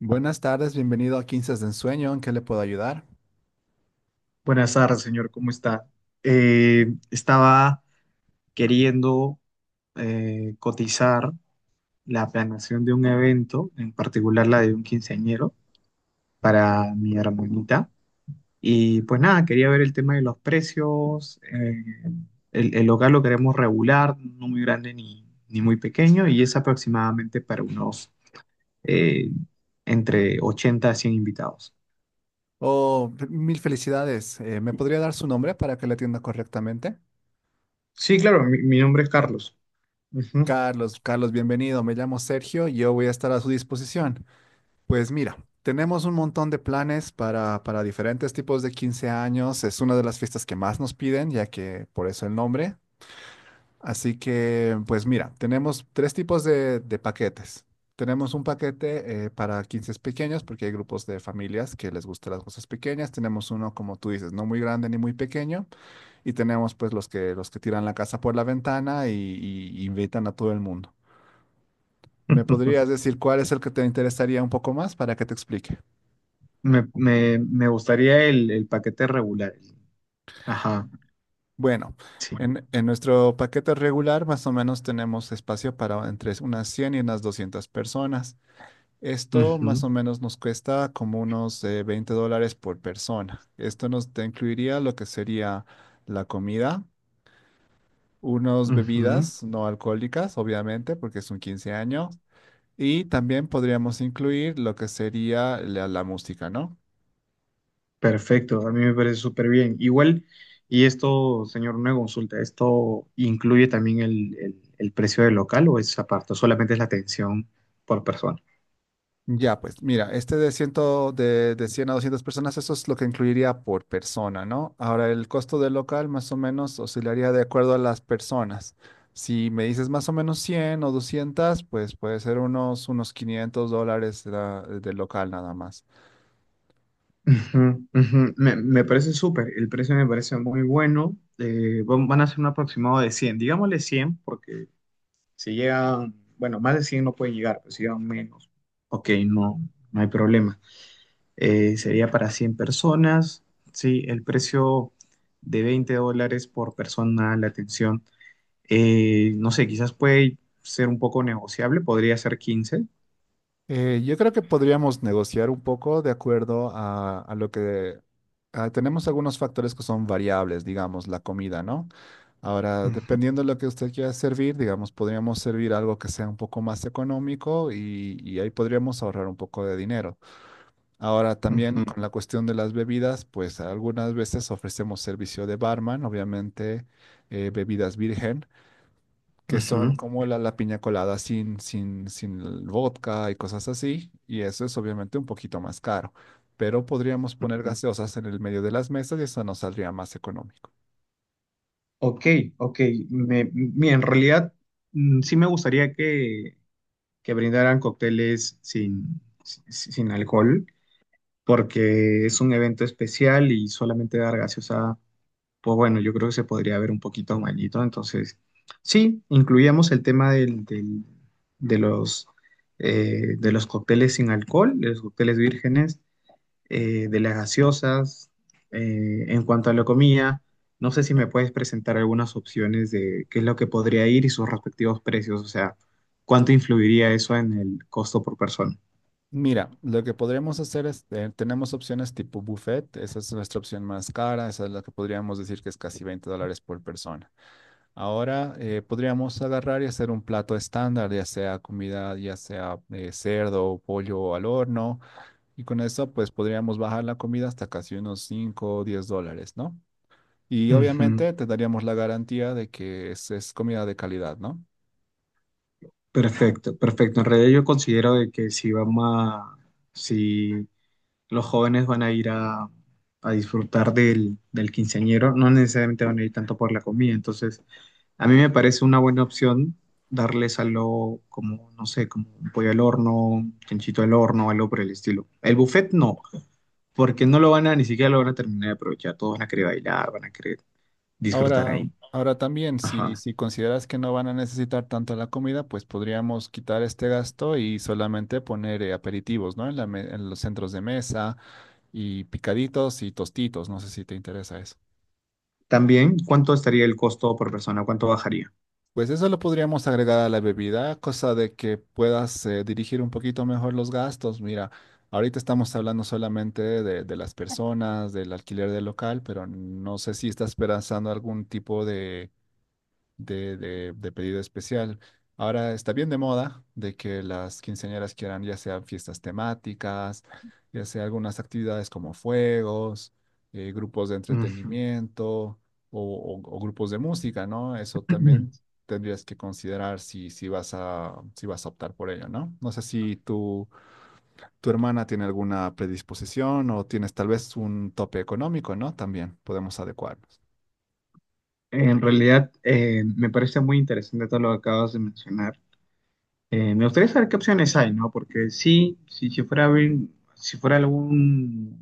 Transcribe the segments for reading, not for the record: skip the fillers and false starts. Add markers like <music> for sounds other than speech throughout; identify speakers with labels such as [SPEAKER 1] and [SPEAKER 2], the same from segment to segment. [SPEAKER 1] Buenas tardes, bienvenido a 15 de Ensueño, ¿en qué le puedo ayudar?
[SPEAKER 2] Buenas tardes, señor, ¿cómo está? Estaba queriendo cotizar la planeación de un evento, en particular la de un quinceañero, para mi hermanita. Y pues nada, quería ver el tema de los precios. El local lo queremos regular, no muy grande ni muy pequeño, y es aproximadamente para unos eh, entre 80 a 100 invitados.
[SPEAKER 1] Oh, mil felicidades, ¿me podría dar su nombre para que le atienda correctamente?
[SPEAKER 2] Sí, claro, mi nombre es Carlos. Ujú.
[SPEAKER 1] Carlos, Carlos, bienvenido, me llamo Sergio y yo voy a estar a su disposición. Pues mira, tenemos un montón de planes para diferentes tipos de 15 años, es una de las fiestas que más nos piden, ya que por eso el nombre. Así que, pues mira, tenemos tres tipos de paquetes. Tenemos un paquete para 15 pequeños, porque hay grupos de familias que les gustan las cosas pequeñas. Tenemos uno, como tú dices, no muy grande ni muy pequeño. Y tenemos pues los que tiran la casa por la ventana y invitan a todo el mundo. ¿Me
[SPEAKER 2] <laughs>
[SPEAKER 1] podrías decir cuál es el que te interesaría un poco más para que te explique?
[SPEAKER 2] Me gustaría el paquete regular. Ajá,
[SPEAKER 1] Bueno,
[SPEAKER 2] sí.
[SPEAKER 1] en nuestro paquete regular más o menos tenemos espacio para entre unas 100 y unas 200 personas. Esto más
[SPEAKER 2] Ujú,
[SPEAKER 1] o menos nos cuesta como unos $20 por persona. Esto nos te incluiría lo que sería la comida, unas
[SPEAKER 2] ujú.
[SPEAKER 1] bebidas no alcohólicas, obviamente, porque es un 15 años, y también podríamos incluir lo que sería la música, ¿no?
[SPEAKER 2] Perfecto, a mí me parece súper bien. Igual, y esto, señor, una consulta, ¿esto incluye también el precio del local o es aparte? ¿O solamente es la atención por persona?
[SPEAKER 1] Ya, pues mira, este de 100, de 100 a 200 personas, eso es lo que incluiría por persona, ¿no? Ahora, el costo del local más o menos oscilaría de acuerdo a las personas. Si me dices más o menos 100 o 200, pues puede ser unos $500 del local nada más.
[SPEAKER 2] Ujú, ujú. Me parece súper, el precio me parece muy bueno. Van a ser un aproximado de cien, digámosle 100 porque si llegan, bueno, más de 100 no pueden llegar, pero si llegan menos, ok, no hay problema. Sería para 100 personas. Sí, el precio de 20 dólares por persona la atención. No sé, quizás puede ser un poco negociable, podría ser quince.
[SPEAKER 1] Yo creo que podríamos negociar un poco de acuerdo a lo que tenemos algunos factores que son variables, digamos, la comida, ¿no? Ahora,
[SPEAKER 2] Mm,
[SPEAKER 1] dependiendo de lo que usted quiera servir, digamos, podríamos servir algo que sea un poco más económico y ahí podríamos ahorrar un poco de dinero. Ahora, también
[SPEAKER 2] ujú.
[SPEAKER 1] con la cuestión de las bebidas, pues algunas veces ofrecemos servicio de barman, obviamente bebidas virgen que son
[SPEAKER 2] Ujú.
[SPEAKER 1] como la piña colada sin el vodka y cosas así, y eso es obviamente un poquito más caro, pero podríamos poner gaseosas en el medio de las mesas y eso nos saldría más económico.
[SPEAKER 2] Ok, ok. Mira, en realidad mm, sí me gustaría que brindaran cócteles sin alcohol, porque es un evento especial y solamente dar gaseosa pues bueno, yo creo que se podría ver un poquito malito. Entonces, sí, incluíamos el tema de los, de los cócteles sin alcohol, de los cócteles vírgenes, de las gaseosas. En cuanto a la comida, no sé si me puedes presentar algunas opciones de qué es lo que podría ir y sus respectivos precios, o sea, cuánto influiría eso en el costo por persona.
[SPEAKER 1] Mira, lo que podríamos hacer es, tenemos opciones tipo buffet, esa es nuestra opción más cara, esa es la que podríamos decir que es casi $20 por persona. Ahora podríamos agarrar y hacer un plato estándar, ya sea comida, ya sea cerdo, o pollo al horno, y con eso, pues podríamos bajar la comida hasta casi unos $5 o $10, ¿no? Y
[SPEAKER 2] Ujú.
[SPEAKER 1] obviamente te daríamos la garantía de que es comida de calidad, ¿no?
[SPEAKER 2] Perfecto, perfecto. En realidad yo considero de que si los jóvenes van a a disfrutar del quinceañero, no necesariamente van a ir tanto por la comida. Entonces, a mí me parece una buena opción darles algo como, no sé, como un pollo al horno, un chanchito al horno, algo por el estilo. El buffet no, porque no lo van a, ni siquiera lo van a terminar de aprovechar. Todos van a querer bailar, van a querer disfrutar
[SPEAKER 1] Ahora,
[SPEAKER 2] ahí.
[SPEAKER 1] ahora también,
[SPEAKER 2] Ajá.
[SPEAKER 1] si consideras que no van a necesitar tanto la comida, pues podríamos quitar este gasto y solamente poner aperitivos, ¿no? En los centros de mesa y picaditos y tostitos. No sé si te interesa eso.
[SPEAKER 2] También, ¿cuánto estaría el costo por persona? ¿Cuánto bajaría?
[SPEAKER 1] Pues eso lo podríamos agregar a la bebida, cosa de que puedas dirigir un poquito mejor los gastos. Mira, ahorita estamos hablando solamente de las personas, del alquiler del local, pero no sé si estás pensando algún tipo de de pedido especial. Ahora está bien de moda de que las quinceañeras quieran ya sean fiestas temáticas, ya sea algunas actividades como fuegos, grupos de
[SPEAKER 2] Ujú.
[SPEAKER 1] entretenimiento o grupos de música, ¿no? Eso también
[SPEAKER 2] <clears throat>
[SPEAKER 1] tendrías que considerar si vas a, si vas a optar por ello, ¿no? No sé si tu hermana tiene alguna predisposición o tienes tal vez un tope económico, ¿no? También podemos adecuarnos.
[SPEAKER 2] En realidad, me parece muy interesante todo lo que acabas de mencionar. Me gustaría saber qué opciones hay, ¿no? Porque sí, si fuera algún,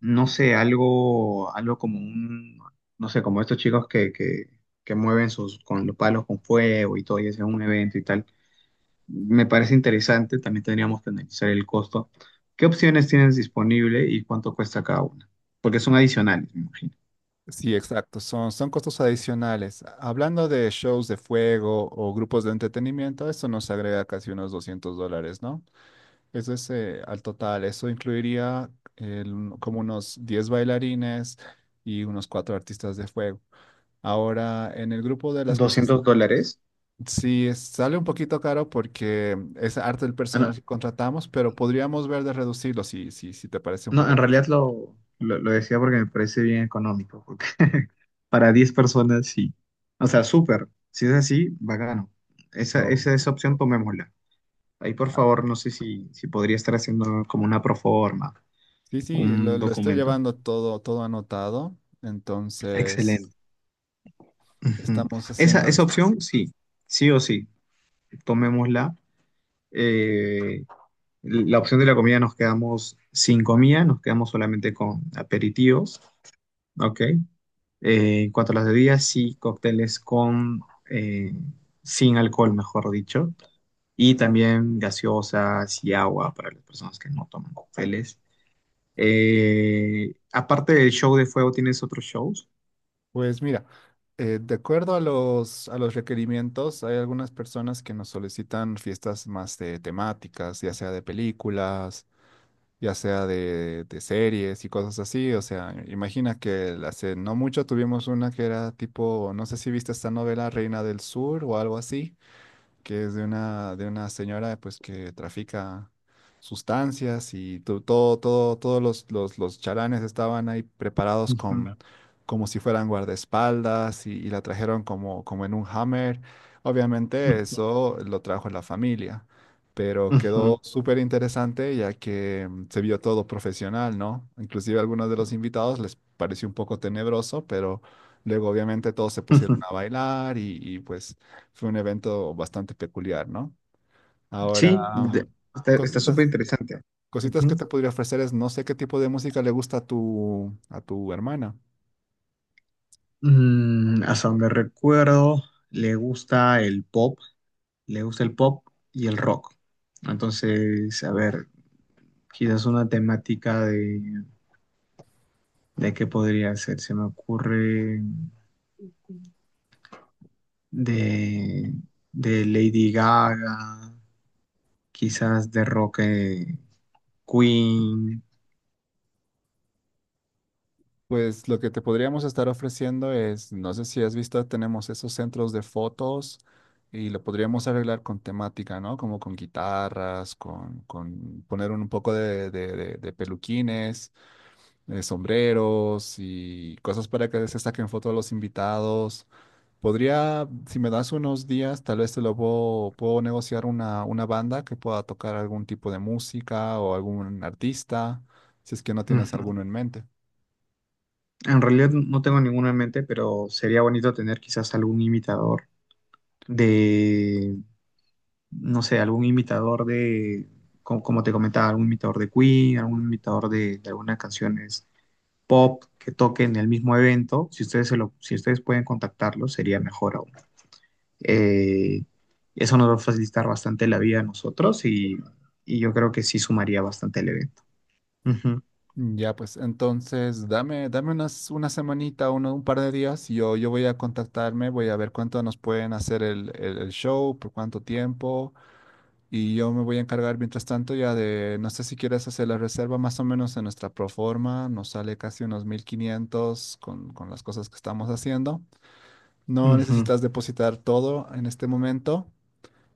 [SPEAKER 2] no sé, algo como un, no sé, como estos chicos que mueven sus, con los palos con fuego y todo, y hacen un evento y tal, me parece interesante, también tendríamos que analizar el costo. ¿Qué opciones tienes disponible y cuánto cuesta cada una? Porque son adicionales, me imagino.
[SPEAKER 1] Sí, exacto, son costos adicionales. Hablando de shows de fuego o grupos de entretenimiento, eso nos agrega casi unos $200, ¿no? Eso es al total, eso incluiría como unos 10 bailarines y unos 4 artistas de fuego. Ahora, en el grupo de las cosas,
[SPEAKER 2] ¿Doscientos dólares?
[SPEAKER 1] sí, sale un poquito caro porque es arte del personal que contratamos, pero podríamos ver de reducirlo si, si te parece un
[SPEAKER 2] No,
[SPEAKER 1] poco
[SPEAKER 2] en realidad
[SPEAKER 1] excesivo.
[SPEAKER 2] lo decía porque me parece bien económico, porque <laughs> para 10 personas sí. O sea, súper. Si es así, bacano.
[SPEAKER 1] No.
[SPEAKER 2] Esa opción tomémosla. Ahí, por favor, no sé si podría estar haciendo como una proforma,
[SPEAKER 1] Sí, sí,
[SPEAKER 2] un
[SPEAKER 1] lo estoy
[SPEAKER 2] documento.
[SPEAKER 1] llevando todo, todo anotado, entonces
[SPEAKER 2] Excelente. Ujú.
[SPEAKER 1] estamos haciendo
[SPEAKER 2] Esa
[SPEAKER 1] esto.
[SPEAKER 2] opción, sí. Sí o sí, tomémosla. Eh, la opción de la comida nos quedamos sin comida, nos quedamos solamente con aperitivos, ¿ok? En cuanto a las bebidas, sí, cócteles eh, sin alcohol, mejor dicho. Y también gaseosas y agua para las personas que no toman cócteles. Aparte del show de fuego, ¿tienes otros shows?
[SPEAKER 1] Pues mira, de acuerdo a los requerimientos, hay algunas personas que nos solicitan fiestas más de temáticas, ya sea de películas, ya sea de series y cosas así. O sea, imagina que hace no mucho tuvimos una que era tipo, no sé si viste esta novela Reina del Sur o algo así, que es de una señora pues que trafica sustancias y todo, todo, los chalanes estaban ahí preparados
[SPEAKER 2] Ujú,
[SPEAKER 1] con, como si fueran guardaespaldas y la trajeron como, como en un hammer. Obviamente
[SPEAKER 2] ujú,
[SPEAKER 1] eso lo trajo la familia, pero
[SPEAKER 2] ujú,
[SPEAKER 1] quedó súper interesante ya que se vio todo profesional, ¿no? Inclusive a algunos de los invitados les pareció un poco tenebroso, pero luego obviamente todos se pusieron
[SPEAKER 2] ujú.
[SPEAKER 1] a bailar pues fue un evento bastante peculiar, ¿no? Ahora,
[SPEAKER 2] Sí,
[SPEAKER 1] um,
[SPEAKER 2] de- está súper
[SPEAKER 1] cositas,
[SPEAKER 2] interesante.
[SPEAKER 1] cositas que
[SPEAKER 2] Ujú.
[SPEAKER 1] te podría ofrecer es, no sé qué tipo de música le gusta a a tu hermana.
[SPEAKER 2] Mm, hasta donde recuerdo, le gusta el pop, le gusta el pop y el rock. Entonces, a ver, quizás una temática de qué podría ser. Se me ocurre de, de Lady Gaga, quizás de rock Queen.
[SPEAKER 1] Pues lo que te podríamos estar ofreciendo es, no sé si has visto, tenemos esos centros de fotos y lo podríamos arreglar con temática, ¿no? Como con guitarras, con poner un poco de peluquines, sombreros y cosas para que se saquen fotos a los invitados. Podría, si me das unos días, tal vez te lo puedo, puedo negociar una banda que pueda tocar algún tipo de música o algún artista, si es que no tienes
[SPEAKER 2] Ujú.
[SPEAKER 1] alguno en mente.
[SPEAKER 2] En realidad no tengo ninguna en mente, pero sería bonito tener quizás algún imitador de, no sé, algún imitador de, como, te comentaba, algún imitador de Queen, algún imitador de algunas canciones pop que toquen el mismo evento. Si ustedes, se lo, si ustedes pueden contactarlo, sería mejor aún. Eh, Eso nos va a facilitar bastante la vida a nosotros y yo creo que sí sumaría bastante el evento. Ujú,
[SPEAKER 1] Ya, pues entonces dame, dame unas, una semanita, uno, un par de días, yo voy a contactarme, voy a ver cuánto nos pueden hacer el show, por cuánto tiempo, y yo me voy a encargar mientras tanto ya de, no sé si quieres hacer la reserva más o menos en nuestra proforma, nos sale casi unos 1500 con las cosas que estamos haciendo. No
[SPEAKER 2] ujú.
[SPEAKER 1] necesitas depositar todo en este momento.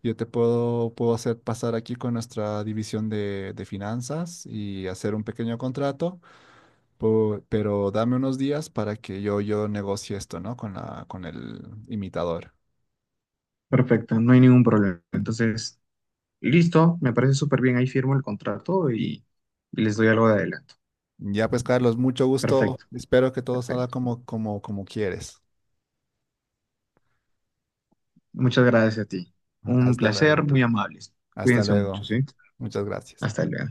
[SPEAKER 1] Yo te puedo, puedo hacer pasar aquí con nuestra división de finanzas y hacer un pequeño contrato, pero dame unos días para que yo negocie esto, ¿no? Con la, con el imitador.
[SPEAKER 2] Perfecto, no hay ningún problema. Entonces, listo, me parece súper bien. Ahí firmo el contrato y les doy algo de adelanto.
[SPEAKER 1] Ya pues, Carlos, mucho gusto.
[SPEAKER 2] Perfecto,
[SPEAKER 1] Espero que todo salga
[SPEAKER 2] perfecto.
[SPEAKER 1] como, como, como quieres.
[SPEAKER 2] Muchas gracias a ti.
[SPEAKER 1] <laughs>
[SPEAKER 2] Un
[SPEAKER 1] Hasta
[SPEAKER 2] placer,
[SPEAKER 1] luego.
[SPEAKER 2] muy amables.
[SPEAKER 1] Hasta
[SPEAKER 2] Cuídense
[SPEAKER 1] luego.
[SPEAKER 2] mucho, ¿sí?
[SPEAKER 1] Muchas gracias.
[SPEAKER 2] Hasta luego.